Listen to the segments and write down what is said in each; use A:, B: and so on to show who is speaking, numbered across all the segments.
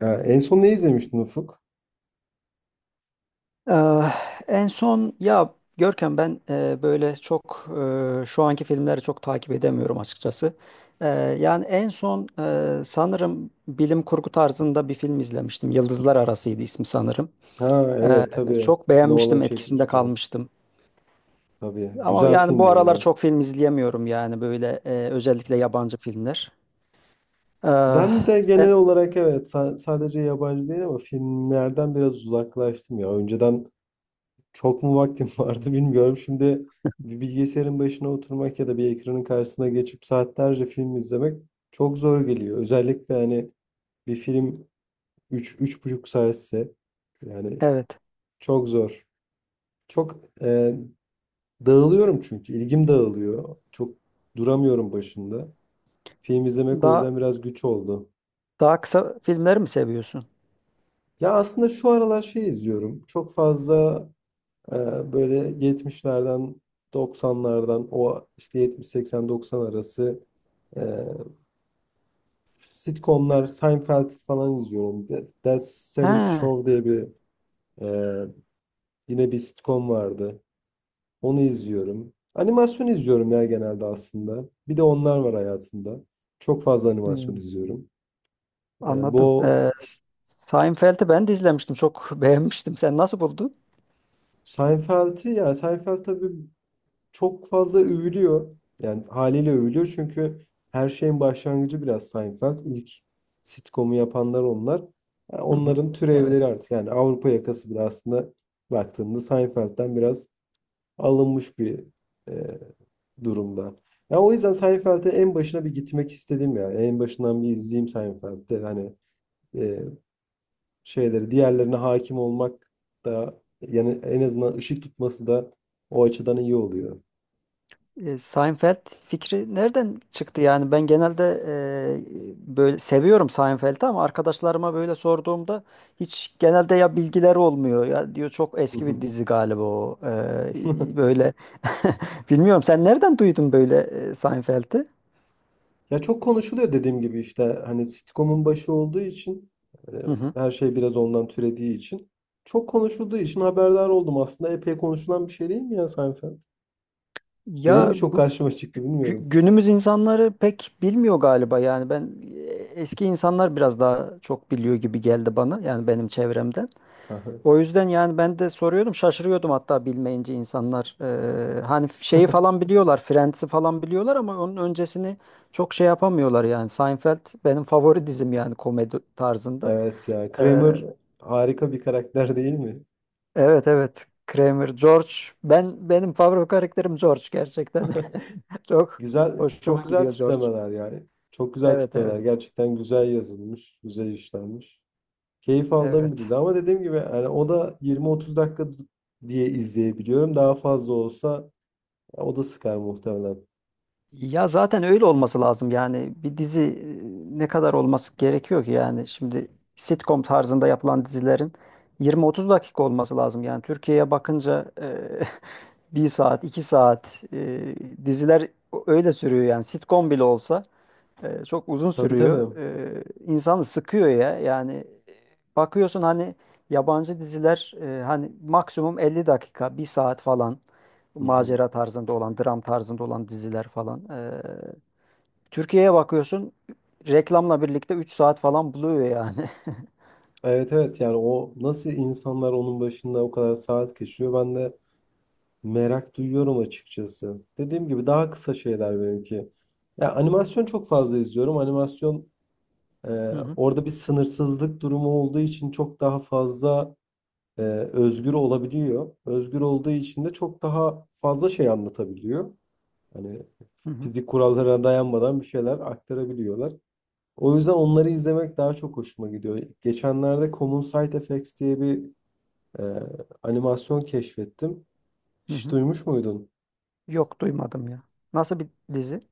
A: Ha, en son ne izlemiştin Ufuk?
B: Eee, en son ya Görkem ben böyle çok şu anki filmleri çok takip edemiyorum açıkçası. Eee, yani en son sanırım bilim kurgu tarzında bir film izlemiştim. Yıldızlar Arası'ydı ismi sanırım.
A: Ha
B: Eee,
A: evet tabii.
B: çok
A: Nolan
B: beğenmiştim, etkisinde
A: çekmişti.
B: kalmıştım.
A: Tabii.
B: Ama
A: Güzel
B: yani bu
A: filmdir
B: aralar
A: ya.
B: çok film izleyemiyorum yani böyle özellikle yabancı filmler. Eee,
A: Ben de genel
B: sen,
A: olarak evet, sadece yabancı değil ama filmlerden biraz uzaklaştım ya. Önceden çok mu vaktim vardı bilmiyorum. Şimdi bir bilgisayarın başına oturmak ya da bir ekranın karşısına geçip saatlerce film izlemek çok zor geliyor. Özellikle hani bir film üç, üç buçuk saatse yani
B: evet.
A: çok zor. Çok dağılıyorum çünkü. İlgim dağılıyor. Çok duramıyorum başında. Film izlemek o
B: Daha
A: yüzden biraz güç oldu.
B: daha kısa filmleri mi seviyorsun?
A: Ya aslında şu aralar şey izliyorum. Çok fazla e, böyle 70'lerden 90'lardan, o işte 70-80-90 arası e, sitcomlar, Seinfeld falan izliyorum. That 70
B: He.
A: Show diye bir, e, yine bir sitcom vardı. Onu izliyorum. Animasyon izliyorum ya genelde aslında. Bir de onlar var hayatımda. Çok fazla animasyon
B: Hmm,
A: izliyorum.
B: anladım.
A: Bu
B: Seinfeld'i ben de izlemiştim. Çok beğenmiştim. Sen nasıl buldun?
A: Seinfeld'i, ya Seinfeld tabii çok fazla övülüyor. Yani haliyle övülüyor çünkü her şeyin başlangıcı biraz Seinfeld. İlk sitcom'u yapanlar onlar. Yani
B: Hı hı.
A: onların
B: Evet.
A: türevleri artık, yani Avrupa yakası bile aslında baktığında Seinfeld'den biraz alınmış bir e, durumda. Ya o yüzden Seinfeld'e en başına bir gitmek istedim ya. En başından bir izleyeyim Seinfeld'de. Hani e, şeyleri diğerlerine hakim olmak da yani, en azından ışık tutması da o açıdan iyi oluyor.
B: Seinfeld fikri nereden çıktı yani? Ben genelde böyle seviyorum Seinfeld'i ama arkadaşlarıma böyle sorduğumda hiç genelde ya bilgileri olmuyor ya diyor çok eski bir dizi galiba o. Böyle bilmiyorum sen nereden duydun böyle Seinfeld'i?
A: Ya çok konuşuluyor dediğim gibi, işte hani sitcom'un başı olduğu için, hani
B: Hı hı.
A: her şey biraz ondan türediği için, çok konuşulduğu için haberdar oldum. Aslında epey konuşulan bir şey değil mi ya Seinfeld? Benim
B: Ya
A: mi çok karşıma çıktı bilmiyorum.
B: günümüz insanları pek bilmiyor galiba yani ben e, eski insanlar biraz daha çok biliyor gibi geldi bana yani benim çevremden. O yüzden yani ben de soruyordum şaşırıyordum hatta bilmeyince insanlar. Hani şeyi falan biliyorlar, Friends'i falan biliyorlar ama onun öncesini çok şey yapamıyorlar yani Seinfeld benim favori dizim yani komedi tarzında.
A: Evet ya.
B: Ee,
A: Kramer harika bir karakter değil mi?
B: Evet evet. Kramer, George. Benim favori karakterim George gerçekten. Çok
A: Güzel,
B: hoşuma
A: çok güzel
B: gidiyor George.
A: tiplemeler yani. Çok güzel
B: Evet
A: tiplemeler.
B: evet.
A: Gerçekten güzel yazılmış, güzel işlenmiş. Keyif aldığım bir
B: Evet.
A: dizi ama dediğim gibi, yani o da 20-30 dakika diye izleyebiliyorum. Daha fazla olsa ya, o da sıkar muhtemelen.
B: Ya zaten öyle olması lazım yani bir dizi ne kadar olması gerekiyor ki yani şimdi sitcom tarzında yapılan dizilerin 20-30 dakika olması lazım yani Türkiye'ye bakınca bir saat, iki saat diziler öyle sürüyor yani sitcom bile olsa. Çok uzun
A: Tabii
B: sürüyor.
A: tabii.
B: İnsanı sıkıyor ya. Yani bakıyorsun hani yabancı diziler, hani maksimum 50 dakika, bir saat falan,
A: Hı hı.
B: macera tarzında olan, dram tarzında olan diziler falan. Türkiye'ye bakıyorsun reklamla birlikte 3 saat falan buluyor yani.
A: Evet evet, yani o nasıl insanlar onun başında o kadar saat geçiriyor ben de merak duyuyorum açıkçası. Dediğim gibi daha kısa şeyler benimki. Ya animasyon çok fazla izliyorum. Animasyon, e,
B: Hı hı,
A: orada bir sınırsızlık durumu olduğu için çok daha fazla e, özgür olabiliyor. Özgür olduğu için de çok daha fazla şey anlatabiliyor. Hani
B: hı hı,
A: fizik kurallara dayanmadan bir şeyler aktarabiliyorlar. O yüzden onları izlemek daha çok hoşuma gidiyor. Geçenlerde Common Side Effects diye bir ee, animasyon keşfettim.
B: hı
A: Hiç
B: hı.
A: duymuş muydun?
B: Yok duymadım ya. Nasıl bir dizi?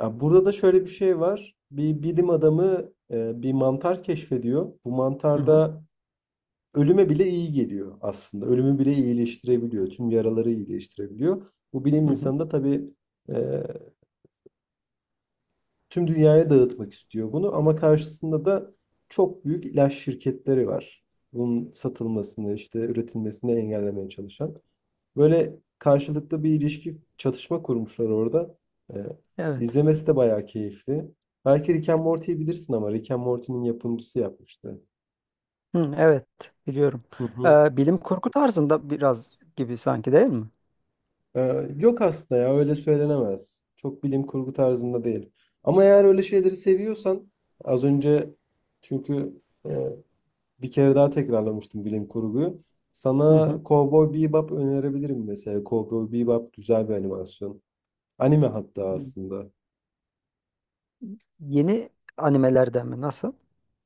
A: Ya burada da şöyle bir şey var. Bir bilim adamı bir mantar keşfediyor. Bu
B: Hı hı,
A: mantarda ölüme bile iyi geliyor aslında. Ölümü bile iyileştirebiliyor. Tüm yaraları iyileştirebiliyor. Bu bilim
B: hı hı.
A: insanı da tabii tüm dünyaya dağıtmak istiyor bunu, ama karşısında da çok büyük ilaç şirketleri var. Bunun satılmasını, işte üretilmesini engellemeye çalışan. Böyle karşılıklı bir ilişki, çatışma kurmuşlar orada. Ee,
B: Evet.
A: izlemesi de bayağı keyifli. Belki Rick and Morty'yi bilirsin ama Rick and Morty'nin yapımcısı yapmıştı.
B: Hı, evet, biliyorum.
A: Hı hı.
B: Bilim kurgu tarzında biraz gibi sanki değil mi?
A: Yok aslında, ya öyle söylenemez. Çok bilim kurgu tarzında değil. Ama eğer öyle şeyleri seviyorsan, az önce çünkü e, bir kere daha tekrarlamıştım bilim kurguyu. Sana
B: Hı
A: Cowboy Bebop önerebilirim mesela. Cowboy Bebop güzel bir animasyon. Anime hatta
B: hı.
A: aslında.
B: Yeni animelerden mi? Nasıl?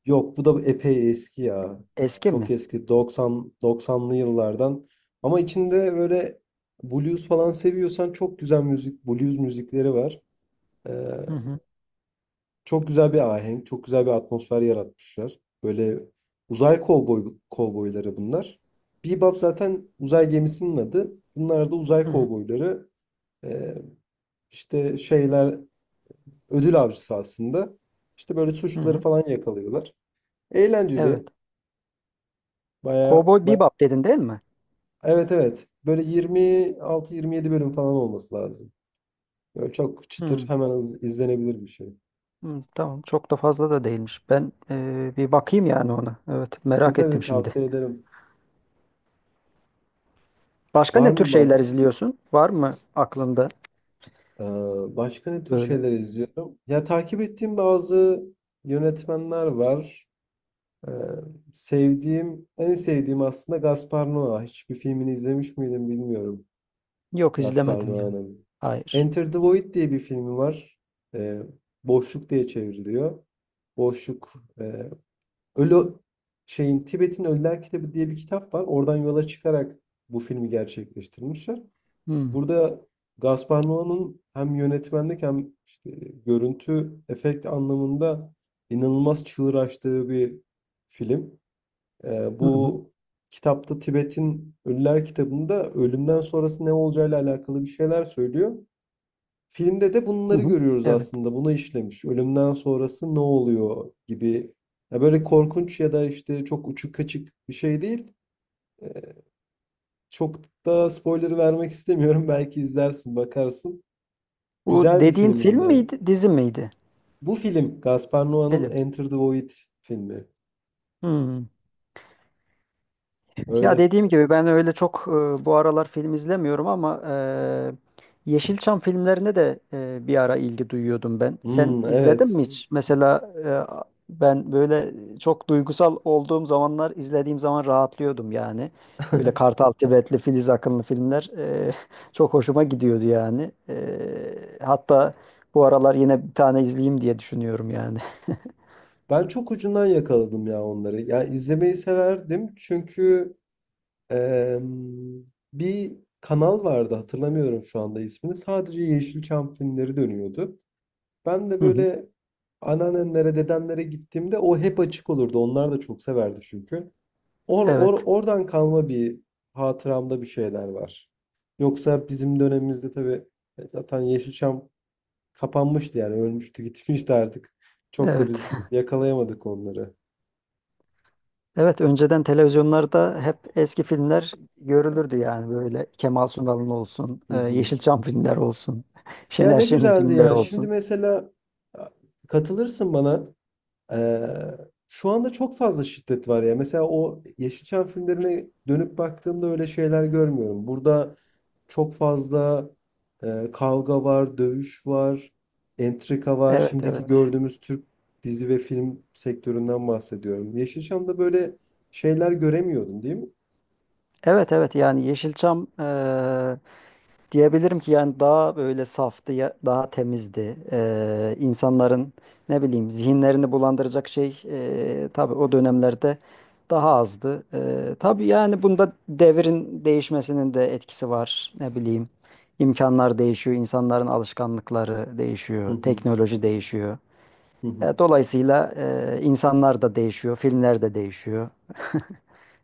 A: Yok, bu da epey eski ya.
B: Eski
A: Çok
B: mi?
A: eski, 90 90'lı yıllardan. Ama içinde böyle blues falan seviyorsan çok güzel müzik, blues müzikleri var. Ee,
B: Hı hı.
A: Çok güzel bir ahenk, çok güzel bir atmosfer yaratmışlar. Böyle uzay kovboyları bunlar. Bebop zaten uzay gemisinin adı. Bunlar da uzay
B: Hı hı.
A: kovboyları. Ee, işte şeyler, ödül avcısı aslında. İşte böyle
B: Hı
A: suçluları
B: hı.
A: falan yakalıyorlar.
B: Evet.
A: Eğlenceli. Baya,
B: Cowboy
A: baya...
B: Bebop dedin değil mi?
A: Evet evet. Böyle 26-27 bölüm falan olması lazım. Böyle çok çıtır,
B: Hı.
A: hemen izlenebilir bir şey.
B: Hı, tamam. Çok da fazla da değilmiş. Ben bir bakayım yani ona. Evet.
A: Tabii
B: Merak
A: tabii,
B: ettim şimdi.
A: tavsiye ederim.
B: Başka
A: Var
B: ne tür
A: mı
B: şeyler
A: baş,
B: izliyorsun? Var mı aklında
A: Ee, Başka ne tür
B: böyle?
A: şeyler izliyorum? Ya takip ettiğim bazı yönetmenler var. Ee, Sevdiğim, en sevdiğim aslında Gaspar Noé. Hiçbir filmini izlemiş miydim bilmiyorum.
B: Yok
A: Gaspar
B: izlemedim ya.
A: Noé'nin.
B: Hayır.
A: Enter the Void diye bir filmi var. Ee, Boşluk diye çevriliyor. Boşluk. e, Ölü şeyin, Tibet'in Ölüler Kitabı diye bir kitap var. Oradan yola çıkarak bu filmi gerçekleştirmişler.
B: Hı.
A: Burada Gaspar Noé'nin hem yönetmenlik hem işte görüntü efekt anlamında inanılmaz çığır açtığı bir film.
B: Hı hı.
A: Bu kitapta, Tibet'in Ölüler kitabında, ölümden sonrası ne olacağıyla alakalı bir şeyler söylüyor. Filmde de
B: Hı
A: bunları
B: hı.
A: görüyoruz
B: Evet.
A: aslında. Bunu işlemiş. Ölümden sonrası ne oluyor gibi. Ya böyle korkunç ya da işte çok uçuk kaçık bir şey değil. Ee, Çok da spoiler vermek istemiyorum. Belki izlersin, bakarsın.
B: Bu
A: Güzel bir
B: dediğin
A: film o
B: film
A: da.
B: miydi, dizi miydi?
A: Bu film Gaspar Noé'nin
B: Film.
A: Enter the Void filmi.
B: Hı. Ya
A: Öyle.
B: dediğim gibi ben öyle çok bu aralar film izlemiyorum ama Yeşilçam filmlerine de bir ara ilgi duyuyordum ben. Sen
A: Hmm,
B: izledin mi?
A: evet.
B: Hmm, hiç? Mesela ben böyle çok duygusal olduğum zamanlar izlediğim zaman rahatlıyordum yani. Böyle Kartal Tibetli, Filiz Akınlı filmler çok hoşuma gidiyordu yani. Hatta bu aralar yine bir tane izleyeyim diye düşünüyorum yani.
A: Ben çok ucundan yakaladım ya onları. Ya izlemeyi severdim çünkü, em, bir kanal vardı, hatırlamıyorum şu anda ismini. Sadece Yeşilçam filmleri dönüyordu. Ben de
B: Hı hı.
A: böyle anneannemlere, dedemlere gittiğimde o hep açık olurdu. Onlar da çok severdi çünkü.
B: Evet,
A: Oradan kalma bir hatıramda bir şeyler var. Yoksa bizim dönemimizde tabii zaten Yeşilçam kapanmıştı, yani ölmüştü gitmişti artık. Çok da
B: evet.
A: biz yakalayamadık onları.
B: Evet, önceden televizyonlarda hep eski filmler görülürdü yani böyle Kemal Sunal'ın olsun,
A: Hı hı.
B: Yeşilçam filmler olsun,
A: Ya
B: Şener
A: ne
B: Şen'in
A: güzeldi
B: filmleri
A: ya. Şimdi
B: olsun.
A: mesela katılırsın bana. Eee, Şu anda çok fazla şiddet var ya. Mesela o Yeşilçam filmlerine dönüp baktığımda öyle şeyler görmüyorum. Burada çok fazla kavga var, dövüş var, entrika var.
B: Evet,
A: Şimdiki
B: evet.
A: gördüğümüz Türk dizi ve film sektöründen bahsediyorum. Yeşilçam'da böyle şeyler göremiyordum, değil mi?
B: Evet, evet yani Yeşilçam, diyebilirim ki yani daha böyle saftı, daha temizdi. İnsanların ne bileyim zihinlerini bulandıracak şey tabii o dönemlerde daha azdı. Tabii yani bunda devrin değişmesinin de etkisi var. Ne bileyim, imkanlar değişiyor, insanların alışkanlıkları
A: Hı
B: değişiyor,
A: hı,
B: teknoloji değişiyor.
A: hı hı.
B: Dolayısıyla insanlar da değişiyor, filmler de değişiyor.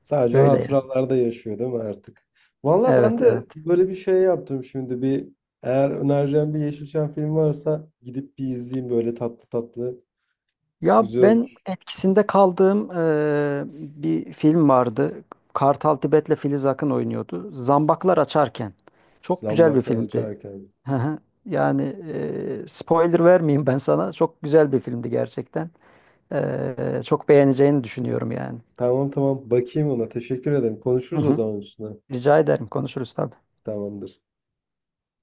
A: Sadece
B: Öyle yani.
A: hatıralarda yaşıyor değil mi artık? Valla ben
B: Evet,
A: de
B: evet.
A: böyle bir şey yaptım şimdi, bir, eğer önereceğim bir Yeşilçam filmi varsa gidip bir izleyeyim, böyle tatlı tatlı
B: Ya
A: güzel
B: ben
A: olur.
B: etkisinde kaldığım bir film vardı. Kartal Tibet'le Filiz Akın oynuyordu. Zambaklar Açarken. Çok güzel bir
A: Zambaklar
B: filmdi.
A: açarken.
B: Hı hı. Yani spoiler vermeyeyim ben sana. Çok güzel bir filmdi gerçekten. Çok beğeneceğini düşünüyorum yani.
A: Tamam tamam, bakayım ona, teşekkür ederim.
B: Hı
A: Konuşuruz o
B: hı.
A: zaman üstüne.
B: Rica ederim. Konuşuruz tabii.
A: Tamamdır.